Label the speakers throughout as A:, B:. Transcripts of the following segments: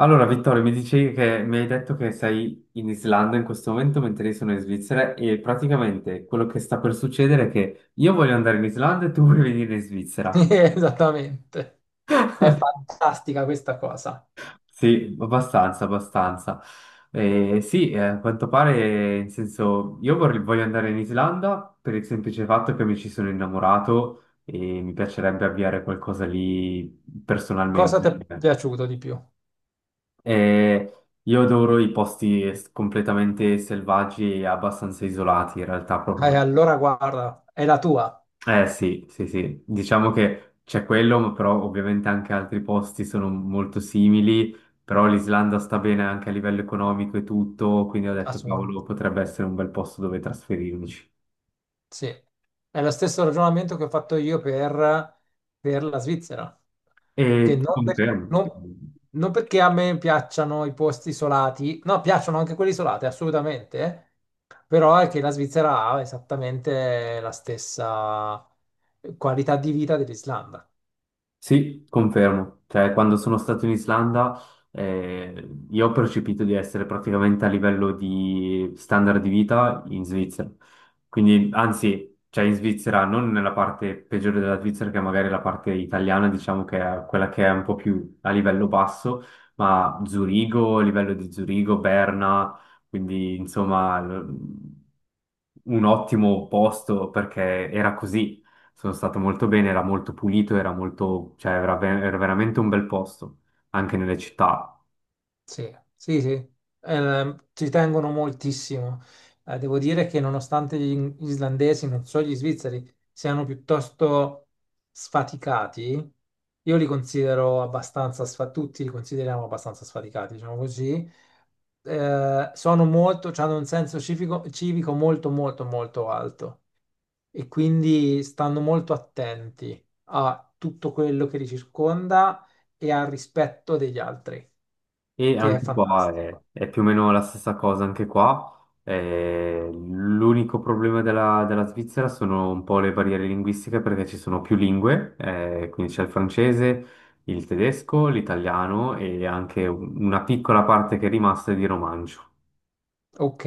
A: Allora, Vittorio, mi dicevi che mi hai detto che sei in Islanda in questo momento, mentre io sono in Svizzera, e praticamente quello che sta per succedere è che io voglio andare in Islanda e tu vuoi venire in Svizzera.
B: Esattamente, è fantastica questa cosa.
A: Sì, abbastanza, abbastanza. Eh sì, a quanto pare, in senso, voglio andare in Islanda per il semplice fatto che mi ci sono innamorato e mi piacerebbe avviare qualcosa lì
B: Cosa ti
A: personalmente.
B: è piaciuto di più?
A: Eh, io adoro completamente selvaggi e abbastanza isolati, in realtà proprio.
B: Allora guarda, è la tua,
A: Eh sì, sì, sì, diciamo che c'è quello, ma però ovviamente anche altri posti sono molto simili, però l'Islanda sta bene anche a livello economico e tutto, quindi ho detto, cavolo,
B: assolutamente.
A: potrebbe essere un bel posto dove trasferirmici.
B: Sì, è lo stesso ragionamento che ho fatto io per la Svizzera,
A: E
B: che
A: ti
B: non,
A: confermo.
B: non- non perché a me piacciono i posti isolati, no, piacciono anche quelli isolati, assolutamente, però è che la Svizzera ha esattamente la stessa qualità di vita dell'Islanda.
A: Sì, confermo. Cioè, quando sono stato in Islanda, io ho percepito di essere praticamente a livello di standard di vita in Svizzera. Quindi, anzi, cioè in Svizzera, non nella parte peggiore della Svizzera, che è magari la parte italiana, diciamo che è quella che è un po' più a livello basso, ma Zurigo, livello di Zurigo, Berna, quindi insomma, un ottimo posto perché era così. Sono stato molto bene, era molto pulito, era molto, cioè era, era veramente un bel posto, anche nelle città.
B: Sì, sì, sì, eh, ci tengono moltissimo. Devo dire che nonostante islandesi, non so, gli svizzeri siano piuttosto sfaticati, io li considero abbastanza sfaticati, tutti li consideriamo abbastanza sfaticati, diciamo così. Sono molto, hanno un senso civico, civico molto, molto, molto alto e quindi stanno molto attenti a tutto quello che li circonda e al rispetto degli altri,
A: E
B: che è
A: anche qua
B: fantastico.
A: è più o meno la stessa cosa, anche qua. L'unico problema della Svizzera sono un po' le barriere linguistiche perché ci sono più lingue, quindi c'è il francese, il tedesco, l'italiano e anche una piccola parte che è rimasta è di romancio.
B: Ok,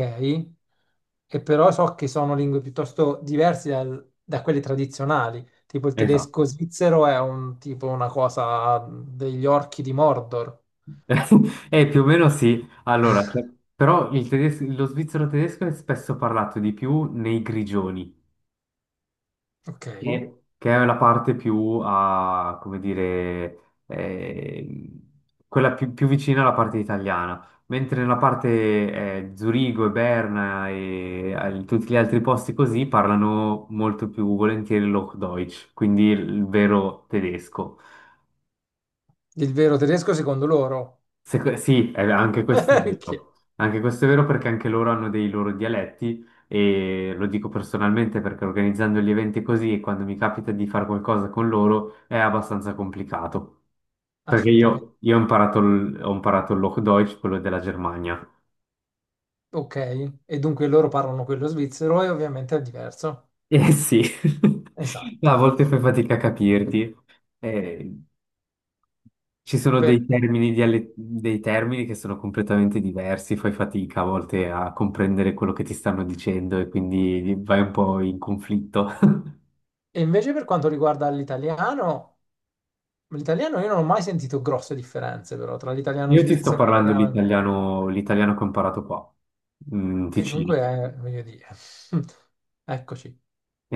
B: e però so che sono lingue piuttosto diverse da quelle tradizionali, tipo il
A: Esatto.
B: tedesco svizzero è un tipo una cosa degli orchi di Mordor.
A: Più o meno sì. Allora, però lo svizzero tedesco è spesso parlato di più nei grigioni,
B: Ok,
A: che è la parte più a, come dire, quella più vicina alla parte italiana, mentre nella parte Zurigo e Berna e tutti gli altri posti così parlano molto più volentieri il Hochdeutsch, quindi il vero tedesco.
B: il vero tedesco secondo loro.
A: Sì, anche questo è
B: Che-
A: vero. Anche questo è vero perché anche loro hanno dei loro dialetti e lo dico personalmente perché organizzando gli eventi così e quando mi capita di fare qualcosa con loro è abbastanza complicato. Perché
B: Assolutamente.
A: io ho imparato ho imparato il Hochdeutsch, quello della Germania.
B: Ok, e dunque loro parlano quello svizzero e ovviamente è diverso.
A: Eh sì, a
B: Esatto.
A: volte fai fatica a capirti. Eh, Ci sono dei
B: Per-
A: termini, dei termini che sono completamente diversi, fai fatica a volte a comprendere quello che ti stanno dicendo e quindi vai un po' in conflitto.
B: E invece per quanto riguarda l'italiano, l'italiano io non ho mai sentito grosse differenze però tra l'italiano
A: Io ti sto
B: svizzero e
A: parlando
B: l'italiano...
A: l'italiano che ho imparato qua, in
B: E
A: Ticino.
B: dunque, voglio dire, eccoci.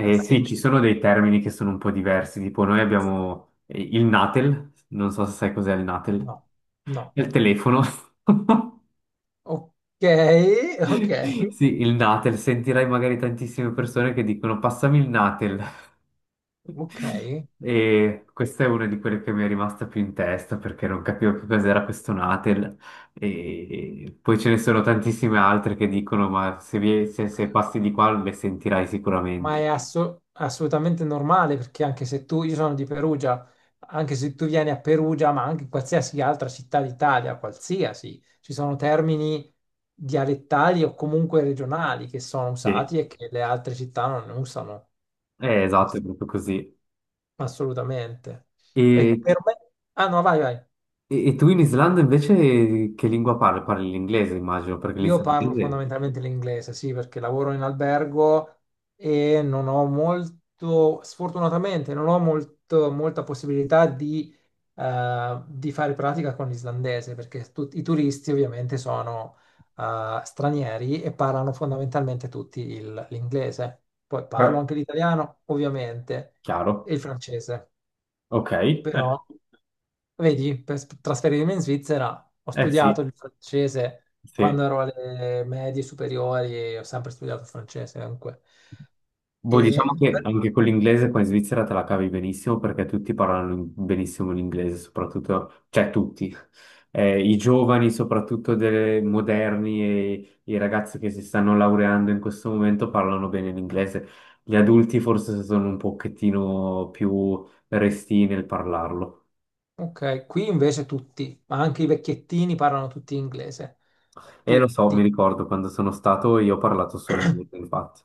A: sì,
B: Sì.
A: ci sono dei termini che sono un po' diversi, tipo noi abbiamo il natel, non so se sai cos'è il natel,
B: No, no.
A: è il telefono.
B: Ok, ok,
A: Sì, il natel, sentirai magari tantissime persone che dicono passami il natel.
B: ok.
A: E questa è una di quelle che mi è rimasta più in testa perché non capivo più cos'era questo Natel. E poi ce ne sono tantissime altre che dicono: ma se, se passi di qua le sentirai sicuramente.
B: Ma è assolutamente normale perché anche se tu, io sono di Perugia, anche se tu vieni a Perugia, ma anche in qualsiasi altra città d'Italia, qualsiasi, ci sono termini dialettali o comunque regionali che sono
A: Sì.
B: usati e che le altre città non usano
A: Esatto, è
B: ass-
A: proprio così.
B: assolutamente. E
A: E,
B: per me... Ah no, vai, vai.
A: e tu in Islanda invece che lingua parli? Parli l'inglese, immagino, perché
B: Io parlo
A: l'islandese è...
B: fondamentalmente l'inglese, sì, perché lavoro in albergo e non ho molto, sfortunatamente, non ho molto, molta possibilità di fare pratica con l'islandese, perché i turisti ovviamente sono, stranieri e parlano fondamentalmente tutti l'inglese. Poi parlo
A: Beh,
B: anche l'italiano, ovviamente,
A: chiaro.
B: e il francese.
A: Ok,
B: Però, vedi, per trasferirmi in Svizzera ho
A: eh
B: studiato
A: sì,
B: il francese
A: sì.
B: quando ero alle medie superiori, e ho sempre studiato il francese comunque.
A: Boh,
B: E-
A: diciamo che anche con l'inglese qua in Svizzera te la cavi benissimo perché tutti parlano benissimo l'inglese, soprattutto, cioè tutti, eh, i giovani, soprattutto dei moderni e i ragazzi che si stanno laureando in questo momento parlano bene l'inglese. Gli adulti forse sono un pochettino più restii nel parlarlo.
B: ok, qui invece tutti, ma anche i vecchiettini parlano tutti inglese.
A: E lo
B: Tutti.
A: so, mi ricordo quando sono stato io ho parlato solo inglese, infatti.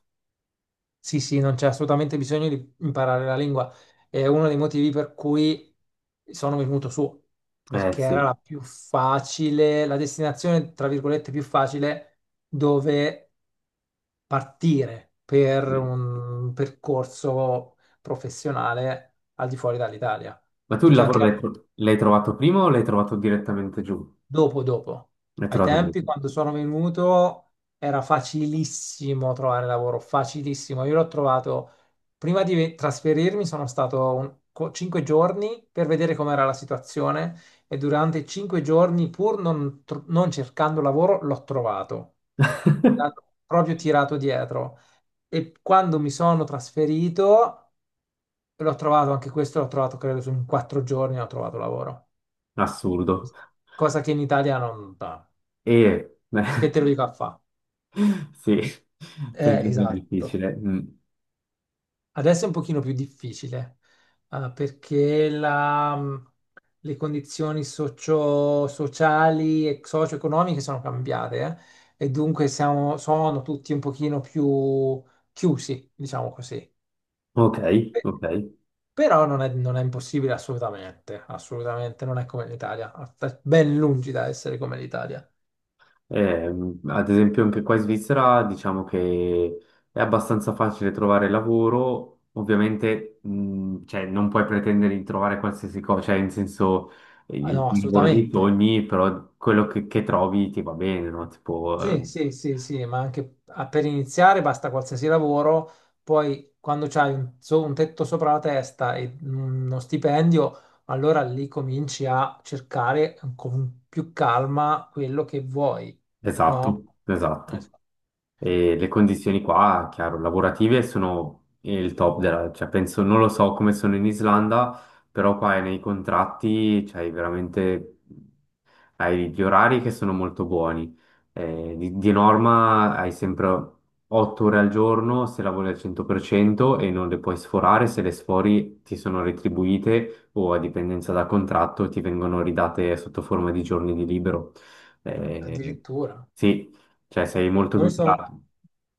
B: Sì, sì, non c'è assolutamente bisogno di imparare la lingua. È uno dei motivi per cui sono venuto su,
A: Eh
B: perché era la
A: sì,
B: più facile, la destinazione, tra virgolette, più facile dove partire per
A: sì.
B: un percorso professionale al di fuori dall'Italia,
A: Ma tu il
B: perché
A: lavoro
B: anche
A: l'hai trovato prima o l'hai trovato direttamente giù?
B: dopo, dopo.
A: L'hai
B: Ai
A: trovato giù.
B: tempi, quando sono venuto, era facilissimo trovare lavoro, facilissimo. Io l'ho trovato, prima di trasferirmi, sono stato cinque giorni per vedere com'era la situazione e durante cinque giorni, pur non, non cercando lavoro, l'ho trovato. L'hanno proprio tirato dietro. E quando mi sono trasferito, l'ho trovato, anche questo l'ho trovato, credo, su in quattro giorni ho trovato lavoro.
A: Assurdo.
B: Cosa che in Italia non dà.
A: E
B: Che te lo dico a fa.
A: sì, senti che è
B: Esatto.
A: difficile. Mm.
B: Adesso è un pochino più difficile, perché le condizioni sociali e socio-economiche sono cambiate, e dunque sono tutti un pochino più chiusi, diciamo così.
A: Ok,
B: Eh,
A: ok.
B: Però non è, non è impossibile assolutamente, assolutamente non è come l'Italia, sta ben lungi da essere come l'Italia.
A: Ad esempio anche qua in Svizzera diciamo che è abbastanza facile trovare lavoro, ovviamente cioè, non puoi pretendere di trovare qualsiasi cosa, cioè in senso
B: Ah,
A: il
B: no,
A: tuo lavoro dei
B: assolutamente.
A: sogni, però quello che trovi ti va bene, no? Tipo,
B: Sì, sì, sì, sì, ma anche per iniziare basta qualsiasi lavoro, poi quando c'hai un, un tetto sopra la testa e uno stipendio, allora lì cominci a cercare con più calma quello che vuoi, no?
A: esatto, esatto.
B: Sì,
A: E le condizioni qua, chiaro, lavorative sono il top della, cioè penso, non lo so come sono in Islanda, però qua è nei contratti c'hai veramente, hai gli orari che sono molto buoni. Di norma hai sempre 8 ore al giorno se lavori al 100% e non le puoi sforare, se le sfori ti sono retribuite o a dipendenza da contratto ti vengono ridate sotto forma di giorni di libero. Eh
B: addirittura.
A: sì, cioè sei molto
B: Noi sono-
A: tutelato.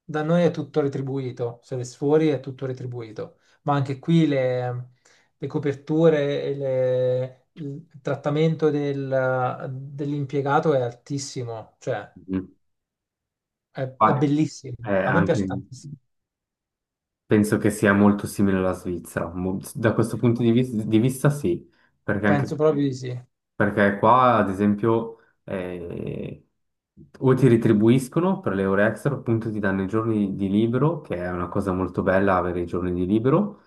B: Da noi è tutto retribuito, se le fuori è tutto retribuito, ma anche qui le coperture e il trattamento dell'impiegato è altissimo, cioè
A: Mhm.
B: è
A: Vai.
B: bellissimo. A me piace
A: Anche,
B: tantissimo,
A: penso che sia molto simile alla Svizzera, da questo punto di, di vista sì, perché anche...
B: penso proprio di sì. E
A: Perché qua, ad esempio, eh, o ti retribuiscono per le ore extra, appunto ti danno i giorni di libero, che è una cosa molto bella avere i giorni di libero.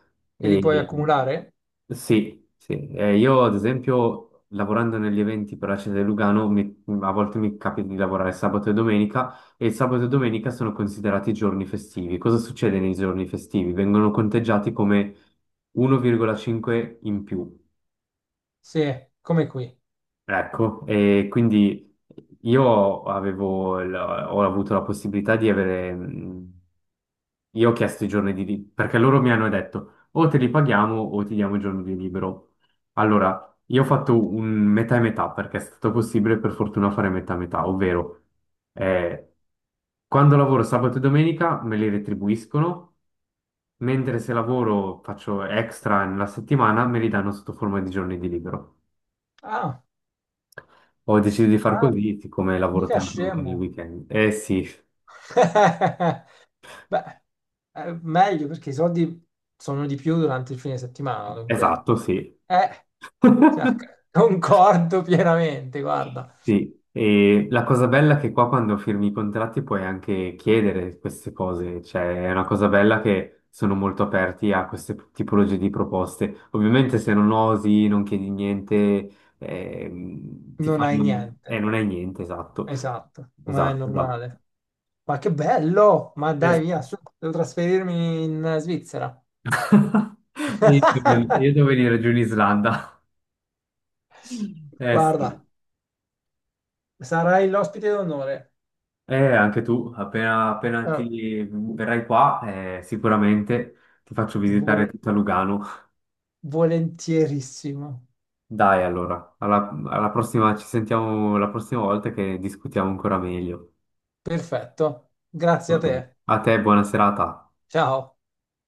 B: li puoi
A: E
B: accumulare?
A: sì, sì. Io, ad esempio, lavorando negli eventi per la città di Lugano, a volte mi capita di lavorare sabato e domenica, e il sabato e domenica sono considerati giorni festivi. Cosa succede nei giorni festivi? Vengono conteggiati come 1,5 in più.
B: Sì, come qui.
A: Ecco, e quindi io avevo, ho avuto la possibilità di avere, io ho chiesto i giorni di libero, perché loro mi hanno detto o te li paghiamo o ti diamo i giorni di libero. Allora, io ho fatto un metà e metà, perché è stato possibile per fortuna fare metà e metà, ovvero eh, quando lavoro sabato e domenica me li retribuiscono, mentre se lavoro faccio extra nella settimana me li danno sotto forma di giorni di libero.
B: Ah,
A: Ho deciso di far
B: ah,
A: così, siccome lavoro
B: mica
A: tanto anche nel
B: scemo.
A: weekend. Eh sì,
B: Beh, meglio perché i soldi sono di più durante il fine settimana, dunque.
A: esatto, sì.
B: Eh, cioè, concordo pienamente, guarda,
A: Sì, e la cosa bella è che qua quando firmi i contratti puoi anche chiedere queste cose, cioè è una cosa bella che sono molto aperti a queste tipologie di proposte. Ovviamente se non osi, non chiedi niente, ti
B: non hai
A: fanno...
B: niente.
A: non è niente, esatto.
B: Esatto, ma è
A: Esatto, esatto.
B: normale. Ma che bello! Ma
A: Eh
B: dai, via,
A: sì.
B: su, devo trasferirmi in Svizzera.
A: Io devo venire giù in Islanda. Eh
B: Guarda,
A: sì.
B: sarai l'ospite d'onore.
A: Anche tu, appena
B: Eh,
A: ti verrai qua, sicuramente ti faccio visitare
B: vol-
A: tutta Lugano.
B: volentierissimo.
A: Dai, allora, alla prossima, ci sentiamo la prossima volta che discutiamo ancora meglio.
B: Perfetto. Grazie a
A: Ottimo.
B: te.
A: A te, buona serata.
B: Ciao.